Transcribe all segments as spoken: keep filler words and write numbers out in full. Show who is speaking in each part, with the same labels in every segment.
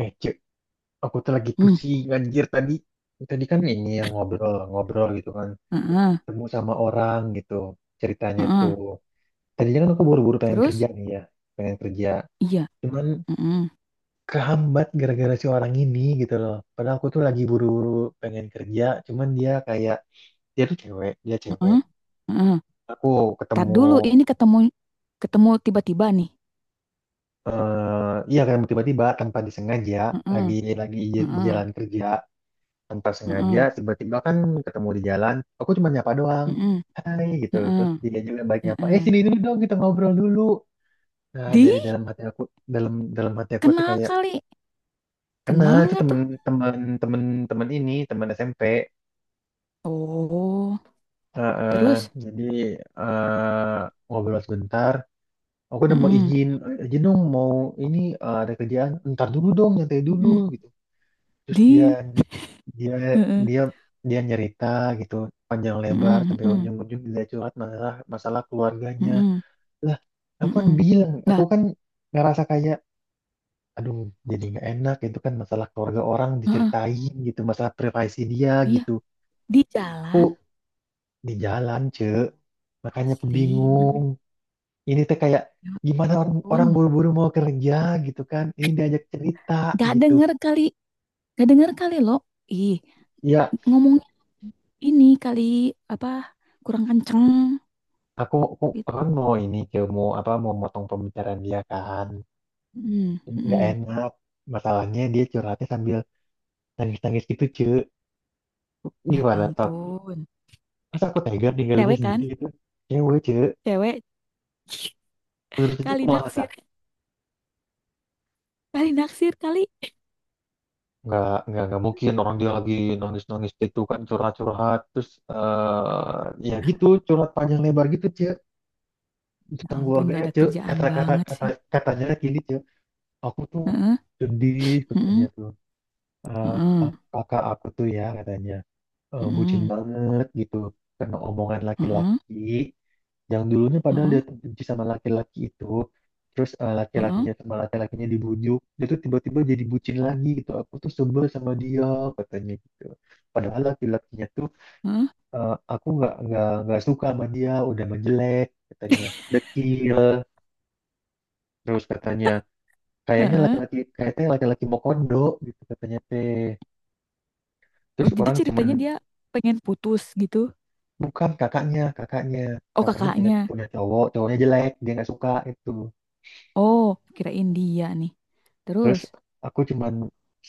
Speaker 1: Eh, cek, aku tuh lagi
Speaker 2: Mmm,
Speaker 1: pusing anjir tadi. Tadi kan ini yang ngobrol, ngobrol gitu kan.
Speaker 2: heeh
Speaker 1: Ketemu sama orang gitu ceritanya
Speaker 2: heeh.
Speaker 1: tuh. Tadinya kan aku buru-buru pengen kerja
Speaker 2: Terus?
Speaker 1: nih ya, pengen kerja.
Speaker 2: Iya,
Speaker 1: Cuman
Speaker 2: mhm,
Speaker 1: kehambat gara-gara si orang ini gitu loh. Padahal aku tuh lagi buru-buru pengen kerja, cuman dia kayak dia tuh cewek, dia cewek.
Speaker 2: heeh heeh.
Speaker 1: Aku
Speaker 2: Entar
Speaker 1: ketemu,
Speaker 2: dulu ini ketemu ketemu tiba-tiba nih?
Speaker 1: eh iya kan, tiba-tiba tanpa disengaja,
Speaker 2: Heeh
Speaker 1: lagi lagi di
Speaker 2: heeh
Speaker 1: jalan kerja. Tanpa sengaja
Speaker 2: heeh
Speaker 1: tiba-tiba kan ketemu di jalan, aku cuma nyapa doang,
Speaker 2: heeh
Speaker 1: hai gitu. Terus
Speaker 2: heeh
Speaker 1: dia juga baik, nyapa, eh
Speaker 2: heeh.
Speaker 1: sini dulu dong kita ngobrol dulu. Nah,
Speaker 2: Di?
Speaker 1: dari dalam hati aku, dalam dalam hati aku tuh
Speaker 2: Kenal
Speaker 1: kayak
Speaker 2: kali.
Speaker 1: kenal.
Speaker 2: Kenal
Speaker 1: Itu
Speaker 2: nggak
Speaker 1: temen
Speaker 2: tuh?
Speaker 1: temen temen temen ini temen S M P.
Speaker 2: Oh,
Speaker 1: Eh, eh,
Speaker 2: terus?
Speaker 1: jadi, eh, ngobrol sebentar. Aku udah mau
Speaker 2: Mhm
Speaker 1: izin, "Eh, izin dong mau ini, eh, ada kerjaan." "Ntar dulu dong, nyantai dulu,"
Speaker 2: mhm.
Speaker 1: gitu. Terus dia
Speaker 2: Di,
Speaker 1: dia
Speaker 2: heeh,
Speaker 1: dia dia nyerita gitu panjang lebar,
Speaker 2: mhm
Speaker 1: sampai
Speaker 2: mhm
Speaker 1: ujung-ujung dia curhat masalah, masalah keluarganya
Speaker 2: mhm
Speaker 1: lah. Aku kan
Speaker 2: mhm.
Speaker 1: bilang, aku
Speaker 2: Nah,
Speaker 1: kan ngerasa kayak, aduh, jadi nggak enak. Itu kan masalah keluarga orang
Speaker 2: heeh,
Speaker 1: diceritain gitu, masalah privasi dia
Speaker 2: iya,
Speaker 1: gitu.
Speaker 2: di jalan?
Speaker 1: Aku di jalan, ce. Makanya aku
Speaker 2: Asli,
Speaker 1: bingung.
Speaker 2: mhm,
Speaker 1: Ini tuh kayak
Speaker 2: ya
Speaker 1: gimana, orang
Speaker 2: ampun.
Speaker 1: orang buru-buru mau kerja gitu kan, ini diajak cerita
Speaker 2: Nggak
Speaker 1: gitu,
Speaker 2: denger kali, nggak denger kali, Lo. Ih.
Speaker 1: ya.
Speaker 2: Ngomongnya ini kali, apa kurang kenceng
Speaker 1: Aku, aku, aku
Speaker 2: gitu.
Speaker 1: kan mau ini ke mau apa mau motong pembicaraan dia kan.
Speaker 2: Mm,
Speaker 1: Ini nggak
Speaker 2: mm.
Speaker 1: enak. Masalahnya dia curhatnya sambil nangis-nangis gitu, ce.
Speaker 2: Ya
Speaker 1: Gimana, Tok?
Speaker 2: ampun.
Speaker 1: Masa aku tega ninggalinnya
Speaker 2: Cewek
Speaker 1: sendiri
Speaker 2: kan?
Speaker 1: gitu? Cewek, ce.
Speaker 2: Cewek
Speaker 1: Menurut itu aku
Speaker 2: kali
Speaker 1: malah tak.
Speaker 2: naksir, kali naksir kali.
Speaker 1: Nggak, nggak, nggak mungkin, orang dia lagi nangis-nangis gitu kan, curhat-curhat. Terus eh, ya gitu, curhat panjang lebar gitu, ce.
Speaker 2: Ya
Speaker 1: Tentang
Speaker 2: ampun, gak
Speaker 1: keluarganya,
Speaker 2: ada
Speaker 1: ce.
Speaker 2: kerjaan
Speaker 1: Kata-kata
Speaker 2: banget
Speaker 1: kata,
Speaker 2: sih.
Speaker 1: Katanya lagi ini, ce. Aku tuh
Speaker 2: Heeh,
Speaker 1: sedih, katanya
Speaker 2: heeh,
Speaker 1: tuh. Eh,
Speaker 2: heeh,
Speaker 1: kak- kakak aku tuh ya katanya eh, bucin
Speaker 2: heeh,
Speaker 1: banget gitu karena omongan
Speaker 2: heeh,
Speaker 1: laki-laki, yang dulunya padahal dia
Speaker 2: heeh,
Speaker 1: tuh benci sama laki-laki itu. Terus eh,
Speaker 2: heeh,
Speaker 1: laki-lakinya, sama laki-lakinya dibujuk, dia tuh tiba-tiba jadi bucin lagi gitu. Aku tuh sebel sama dia, katanya gitu. Padahal laki-lakinya tuh
Speaker 2: heeh,
Speaker 1: eh, aku nggak nggak nggak suka sama dia, udah menjelek, katanya, dekil. Terus katanya kayaknya
Speaker 2: heeh.
Speaker 1: laki-laki, kayaknya laki-laki mau kondo gitu, katanya, teh. Terus
Speaker 2: Oh, jadi
Speaker 1: orang cuman
Speaker 2: ceritanya dia pengen putus gitu.
Speaker 1: bukan kakaknya, kakaknya.
Speaker 2: Oh,
Speaker 1: Kakaknya punya,
Speaker 2: kakaknya.
Speaker 1: punya cowok, cowoknya jelek, dia nggak suka itu.
Speaker 2: Oh, kirain dia nih.
Speaker 1: Terus
Speaker 2: Terus,
Speaker 1: aku cuman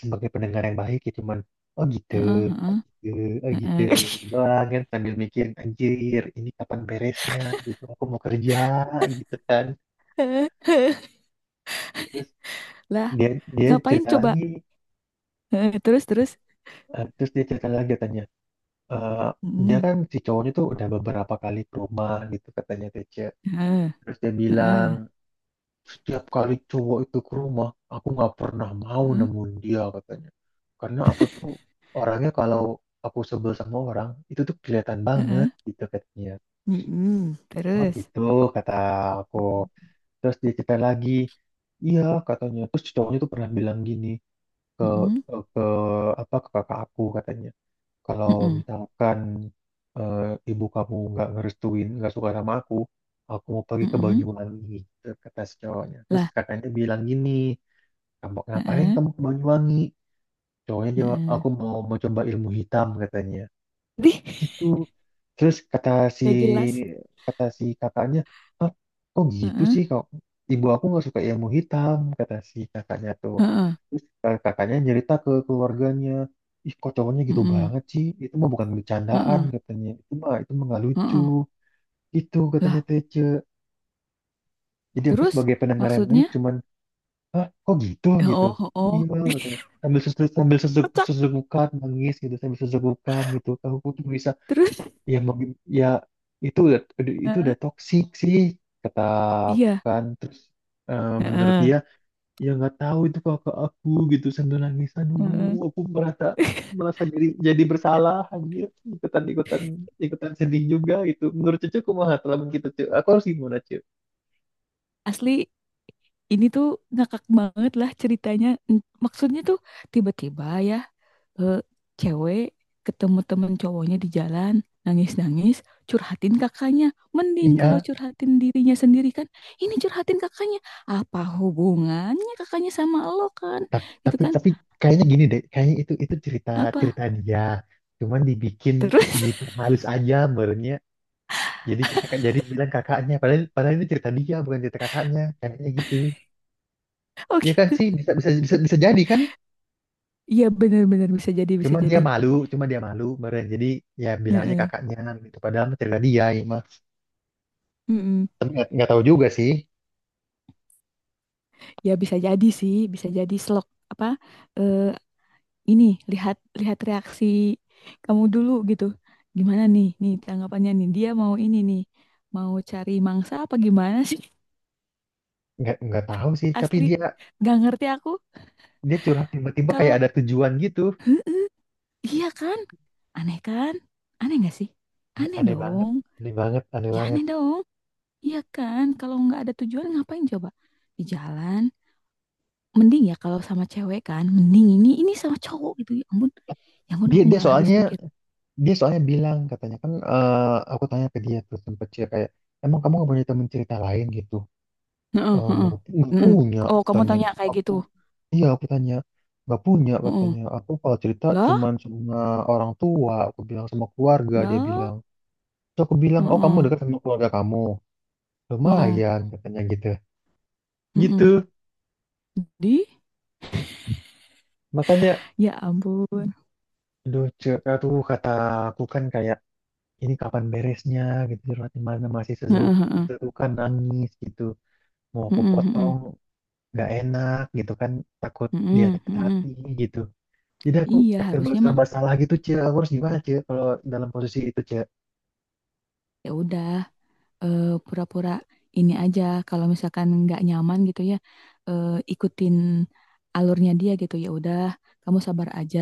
Speaker 1: sebagai pendengar yang baik, ya cuman oh gitu,
Speaker 2: heeh,
Speaker 1: oh
Speaker 2: heeh,
Speaker 1: gitu, oh gitu, gitu
Speaker 2: heeh.
Speaker 1: doang kan, sambil mikir, anjir ini kapan beresnya gitu, aku mau kerja gitu kan. Terus
Speaker 2: Lah,
Speaker 1: dia, dia
Speaker 2: ngapain
Speaker 1: cerita
Speaker 2: coba.
Speaker 1: lagi,
Speaker 2: Heeh, terus terus.
Speaker 1: eh, terus dia cerita lagi katanya, eh, dia
Speaker 2: Mm,
Speaker 1: kan, si cowoknya tuh udah beberapa kali ke rumah gitu, katanya, Tece.
Speaker 2: heeh,
Speaker 1: Terus dia bilang,
Speaker 2: heeh,
Speaker 1: setiap kali cowok itu ke rumah, aku nggak pernah mau
Speaker 2: mhm,
Speaker 1: nemuin dia, katanya. Karena aku tuh orangnya kalau aku sebel sama orang, itu tuh kelihatan
Speaker 2: heeh,
Speaker 1: banget gitu, katanya.
Speaker 2: mhm,
Speaker 1: Oh
Speaker 2: terus.
Speaker 1: gitu, kata aku. Terus dia cerita lagi, iya katanya. Terus cowoknya tuh pernah bilang gini ke,
Speaker 2: Mhm,
Speaker 1: ke apa, ke kakak aku, katanya. Kalau
Speaker 2: mhm,
Speaker 1: misalkan, eh, ibu kamu nggak ngerestuin, nggak suka sama aku, aku mau pergi ke
Speaker 2: mhm,
Speaker 1: Banyuwangi gitu, kata si cowoknya. Terus
Speaker 2: lah,
Speaker 1: kakaknya bilang gini, kamu ngapain
Speaker 2: heeh,
Speaker 1: kamu ke Banyuwangi? Cowoknya jawab,
Speaker 2: heeh.
Speaker 1: aku mau mencoba ilmu hitam, katanya.
Speaker 2: Dih,
Speaker 1: Gitu. Terus kata si,
Speaker 2: gak jelas.
Speaker 1: kata si kakaknya, ah kok gitu
Speaker 2: Heeh,
Speaker 1: sih, kok ibu aku nggak suka ilmu hitam, kata si kakaknya tuh.
Speaker 2: heeh,
Speaker 1: Terus kak- kakaknya cerita ke keluarganya, ih kok cowoknya gitu
Speaker 2: mhm,
Speaker 1: banget sih? Itu mah bukan bercandaan,
Speaker 2: heeh,
Speaker 1: katanya. Itu mah itu mah nggak lucu.
Speaker 2: heeh,
Speaker 1: Itu katanya,
Speaker 2: lah,
Speaker 1: Tece. Jadi aku
Speaker 2: terus
Speaker 1: sebagai pendengar yang baik
Speaker 2: maksudnya?
Speaker 1: cuman, hah, kok gitu, gitu,
Speaker 2: Oh,
Speaker 1: iya
Speaker 2: oh, oh.
Speaker 1: katanya, sambil susuk, sambil susuk
Speaker 2: Kocak.
Speaker 1: susukan nangis gitu, sambil susukan gitu, kamu tuh bisa
Speaker 2: Terus,
Speaker 1: ya mau gim- ya, itu udah, udah- itu
Speaker 2: heeh,
Speaker 1: udah toksik sih, kata aku
Speaker 2: iya,
Speaker 1: kan. Terus eh, menurut
Speaker 2: heeh,
Speaker 1: dia, ya nggak tahu itu kakak aku gitu, sambil nangis, aduh
Speaker 2: heeh.
Speaker 1: aku merasa, merasa jadi jadi bersalah anjir, ikutan, ikutan ikutan sedih juga gitu. Menurut cucu kumaha teman kita, cuy, aku harus gimana, cuy?
Speaker 2: Asli ini tuh ngakak banget lah ceritanya. Mm, maksudnya tuh tiba-tiba ya, eh, cewek ketemu temen cowoknya di jalan, nangis-nangis, curhatin kakaknya. Mending
Speaker 1: Iya.
Speaker 2: kalau curhatin dirinya sendiri kan, ini curhatin kakaknya. Apa hubungannya kakaknya sama lo kan,
Speaker 1: Ta-
Speaker 2: gitu
Speaker 1: tapi
Speaker 2: kan,
Speaker 1: tapi kayaknya gini deh, kayaknya itu itu cerita,
Speaker 2: apa,
Speaker 1: cerita dia cuman dibikin
Speaker 2: terus?
Speaker 1: diperhalus aja, merenya, jadi cerita, jadi bilang kakaknya. Padahal, padahal ini cerita dia, bukan cerita kakaknya, kayaknya gitu.
Speaker 2: Oh
Speaker 1: Ya kan
Speaker 2: gitu.
Speaker 1: sih, bisa, bisa bisa bisa jadi kan,
Speaker 2: Iya, bener-bener bisa jadi, bisa
Speaker 1: cuman dia
Speaker 2: jadi.
Speaker 1: malu, cuman dia malu, meren. Jadi ya bilang aja
Speaker 2: Heeh.
Speaker 1: kakaknya gitu, padahal mah cerita dia, ya mah.
Speaker 2: Mm-mm.
Speaker 1: Tapi nggak nggak tahu juga sih
Speaker 2: Ya bisa jadi sih, bisa jadi, slok apa, eh, ini, lihat lihat reaksi kamu dulu gitu. Gimana nih nih tanggapannya, nih dia mau ini nih, mau cari mangsa apa gimana sih?
Speaker 1: nggak nggak tahu sih. Tapi
Speaker 2: Asli
Speaker 1: dia,
Speaker 2: gak ngerti aku
Speaker 1: dia curhat tiba-tiba kayak
Speaker 2: kalau,
Speaker 1: ada tujuan gitu.
Speaker 2: iya kan, aneh kan? Aneh gak sih?
Speaker 1: Aneh,
Speaker 2: Aneh
Speaker 1: aneh banget
Speaker 2: dong.
Speaker 1: aneh banget aneh
Speaker 2: Ya
Speaker 1: banget.
Speaker 2: aneh dong. Iya kan, kalau nggak ada tujuan ngapain coba di jalan? Mending ya kalau sama cewek kan, mending ini ini sama cowok, gitu ya ampun. Ya ampun,
Speaker 1: Dia,
Speaker 2: aku
Speaker 1: dia
Speaker 2: nggak habis
Speaker 1: soalnya
Speaker 2: pikir.
Speaker 1: dia soalnya bilang, katanya kan eh, aku tanya ke dia, terus sempet sih kayak, emang kamu gak punya teman cerita lain gitu.
Speaker 2: Heeh,
Speaker 1: Eh,
Speaker 2: heeh.
Speaker 1: nggak, nggak
Speaker 2: Mm.
Speaker 1: punya,
Speaker 2: Oh, kamu
Speaker 1: katanya.
Speaker 2: tanya kayak
Speaker 1: Aku,
Speaker 2: gitu.
Speaker 1: iya aku tanya, nggak punya,
Speaker 2: Heeh.
Speaker 1: katanya. Aku kalau cerita
Speaker 2: Lah.
Speaker 1: cuman sama orang tua, aku bilang, sama keluarga, dia
Speaker 2: Loh,
Speaker 1: bilang. Terus aku bilang, oh kamu
Speaker 2: heeh,
Speaker 1: dekat sama keluarga kamu,
Speaker 2: heeh,
Speaker 1: lumayan katanya gitu,
Speaker 2: mhm.
Speaker 1: gitu.
Speaker 2: Di?
Speaker 1: Makanya,
Speaker 2: Ya ampun.
Speaker 1: aduh, cek, aduh, kata aku kan kayak, ini kapan beresnya gitu, di mana masih
Speaker 2: Heeh
Speaker 1: sesuka,
Speaker 2: heeh.
Speaker 1: kan nangis gitu, mau aku
Speaker 2: Mhm
Speaker 1: potong
Speaker 2: mhm.
Speaker 1: nggak enak gitu kan, takut dia
Speaker 2: Mhm
Speaker 1: sakit hati
Speaker 2: mhm.
Speaker 1: gitu. Jadi aku
Speaker 2: Iya,
Speaker 1: kayak serba,
Speaker 2: harusnya mah
Speaker 1: serba salah gitu, cie, aku harus gimana, cie, kalau dalam posisi itu, cie.
Speaker 2: ya udah, eee, pura-pura ini aja kalau misalkan nggak nyaman gitu ya, eee, ikutin alurnya dia gitu, ya udah kamu sabar aja,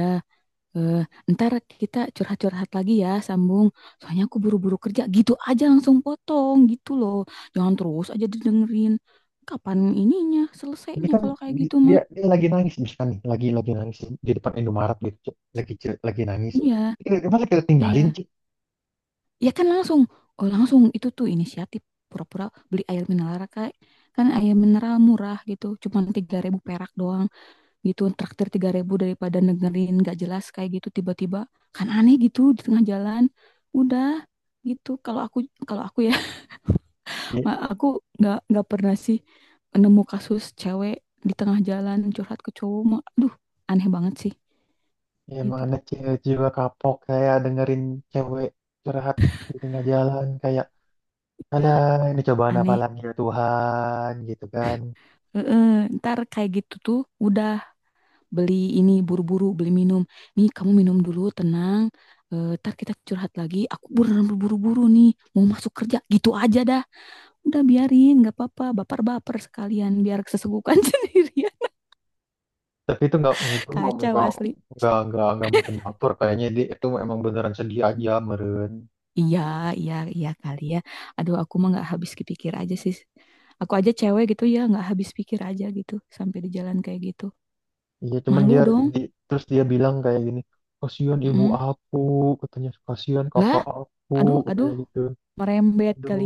Speaker 2: eee, entar kita curhat-curhat lagi ya, sambung, soalnya aku buru-buru kerja, gitu aja langsung potong, gitu loh. Jangan terus aja didengerin, kapan ininya,
Speaker 1: Ini
Speaker 2: selesainya
Speaker 1: kan,
Speaker 2: kalau kayak
Speaker 1: di-
Speaker 2: gitu mah.
Speaker 1: dia, dia lagi nangis misalkan nih, lagi lagi nangis di depan Indomaret gitu, Cie. Lagi, Cie, lagi nangis.
Speaker 2: Iya,
Speaker 1: Kita- masa kita tinggalin,
Speaker 2: iya.
Speaker 1: cie.
Speaker 2: Ya kan langsung, oh langsung itu tuh inisiatif pura-pura beli air mineral, kayak kan air mineral murah gitu, cuman tiga ribu perak doang gitu, traktir tiga ribu daripada negerin nggak jelas kayak gitu tiba-tiba, kan aneh gitu di tengah jalan. Udah, gitu kalau aku kalau aku ya,
Speaker 1: Ya,
Speaker 2: ma- aku nggak nggak pernah sih nemu kasus cewek di tengah jalan curhat ke cowok mah, aduh, aneh banget sih
Speaker 1: ya
Speaker 2: gitu.
Speaker 1: mana cewek jiwa kapok kayak dengerin cewek curhat di tengah jalan kayak,
Speaker 2: Ya.
Speaker 1: alah ini cobaan apa
Speaker 2: Aneh.
Speaker 1: lagi ya Tuhan, gitu kan.
Speaker 2: Heeh, ntar kayak gitu tuh udah, beli ini buru-buru, beli minum, nih kamu minum dulu, tenang. Eh, ntar kita curhat lagi, aku beneran buru-buru nih mau masuk kerja, gitu aja dah. Udah, biarin, nggak apa-apa, baper-baper sekalian biar kesegukan sendiri ya.
Speaker 1: Tapi itu nggak, itu mau
Speaker 2: Kacau
Speaker 1: nggak,
Speaker 2: asli.
Speaker 1: nggak nggak nggak mungkin baper, kayaknya dia itu emang beneran sedih aja, meren.
Speaker 2: Iya, iya, iya, kali ya. Aduh, aku mah nggak habis kepikir aja sih, aku aja cewek gitu ya nggak habis pikir aja gitu, sampai di jalan kayak gitu
Speaker 1: Iya, cuman
Speaker 2: malu
Speaker 1: dia
Speaker 2: dong.
Speaker 1: di- terus dia bilang kayak gini, kasihan ibu
Speaker 2: Mm.
Speaker 1: aku, katanya, kasihan
Speaker 2: Lah,
Speaker 1: kakak aku,
Speaker 2: aduh,
Speaker 1: katanya
Speaker 2: aduh,
Speaker 1: gitu.
Speaker 2: merembet
Speaker 1: Aduh,
Speaker 2: kali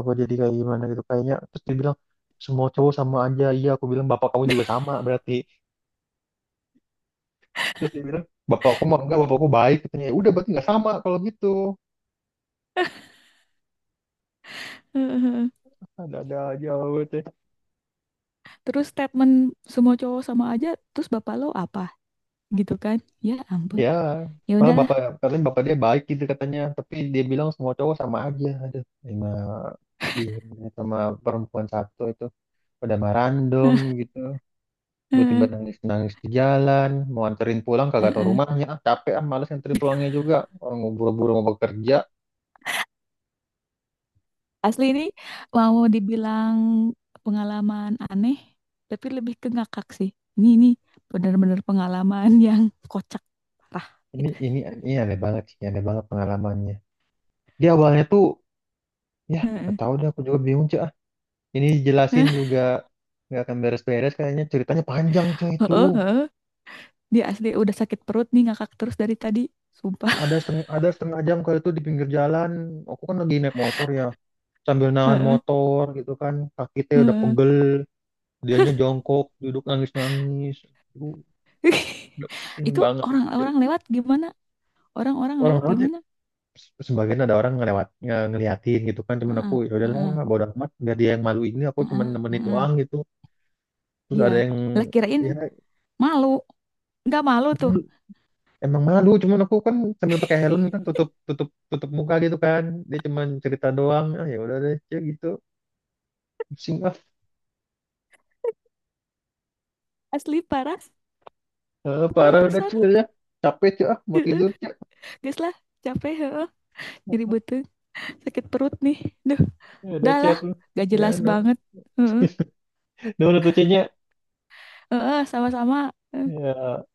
Speaker 1: apa jadi kayak gimana gitu kayaknya. Terus dia bilang semua cowok sama aja. Iya aku bilang, bapak kamu juga sama berarti. Terus dia bilang, bapakku mah enggak, bapakku baik, katanya. "Ya udah, berarti nggak sama kalau gitu."
Speaker 2: ya.
Speaker 1: Ada-ada aja.
Speaker 2: Terus statement semua cowok sama aja, terus bapak lo apa gitu kan? Ya ampun,
Speaker 1: Ya,
Speaker 2: ya
Speaker 1: malah
Speaker 2: udahlah.
Speaker 1: bapak, katanya bapak dia baik gitu katanya, tapi dia bilang semua cowok sama aja. Aduh, emang bingung ya sama perempuan satu itu, pada mah random gitu. Tiba-tiba
Speaker 2: Heeh,
Speaker 1: nangis-nangis di jalan, mau anterin pulang kagak tau
Speaker 2: heeh.
Speaker 1: rumahnya. Ah, capek ah, males anterin pulangnya juga. Orang mau buru-buru mau bekerja.
Speaker 2: Asli ini mau dibilang pengalaman aneh, tapi lebih ke ngakak sih. Ini ini benar-benar pengalaman yang kocak parah
Speaker 1: Ini
Speaker 2: gitu.
Speaker 1: ini ini aneh banget sih, aneh banget pengalamannya. Dia awalnya tuh, ya, gak
Speaker 2: Heeh.
Speaker 1: tahu deh, aku juga bingung, cuy. Ah. Ini jelasin juga nggak akan beres-beres kayaknya, ceritanya panjang cuy itu.
Speaker 2: Heeh, heeh. Dia asli udah sakit perut nih ngakak terus dari tadi, sumpah.
Speaker 1: Ada setengah, ada setengah jam kali itu di pinggir jalan. Aku kan lagi naik motor ya, sambil nahan
Speaker 2: Heeh,
Speaker 1: motor gitu kan. Kaki teh udah
Speaker 2: heeh.
Speaker 1: pegel. Dianya jongkok, duduk nangis-nangis. Aduh, udah pusing
Speaker 2: Itu
Speaker 1: banget itu teh.
Speaker 2: orang-orang lewat gimana? Orang-orang
Speaker 1: Orang
Speaker 2: lewat
Speaker 1: lewat ya,
Speaker 2: gimana?
Speaker 1: se- sebagian ada orang ngelewat, nge ngeliatin gitu kan. Cuman aku
Speaker 2: Heeh,
Speaker 1: ya udahlah,
Speaker 2: heeh,
Speaker 1: bodo amat. Biar dia yang malu, ini aku cuman
Speaker 2: heeh,
Speaker 1: nemenin
Speaker 2: heeh.
Speaker 1: doang gitu. Terus
Speaker 2: Iya,
Speaker 1: ada yang
Speaker 2: lah kirain
Speaker 1: ya
Speaker 2: malu. Nggak malu tuh.
Speaker 1: malu. Emang malu, cuman aku kan sambil pakai helm kan, tutup, tutup tutup muka gitu kan. Dia cuman cerita doang, ah ya udah deh, Cek, gitu, pusing.
Speaker 2: Asli parah.
Speaker 1: Eh,
Speaker 2: Parah
Speaker 1: parah udah,
Speaker 2: pisan
Speaker 1: cuy,
Speaker 2: lah.
Speaker 1: ya. Capek cuy, ah, mau
Speaker 2: Heeh.
Speaker 1: tidur cuy.
Speaker 2: Geus lah, capek heeh. Nyeri beuteung, sakit perut nih. Duh,
Speaker 1: Ya, udah
Speaker 2: dah
Speaker 1: chat
Speaker 2: lah,
Speaker 1: lu.
Speaker 2: gak
Speaker 1: Ya,
Speaker 2: jelas
Speaker 1: no.
Speaker 2: banget. Heeh,
Speaker 1: No, udah tuh chatnya.
Speaker 2: heeh, sama-sama.
Speaker 1: Ya.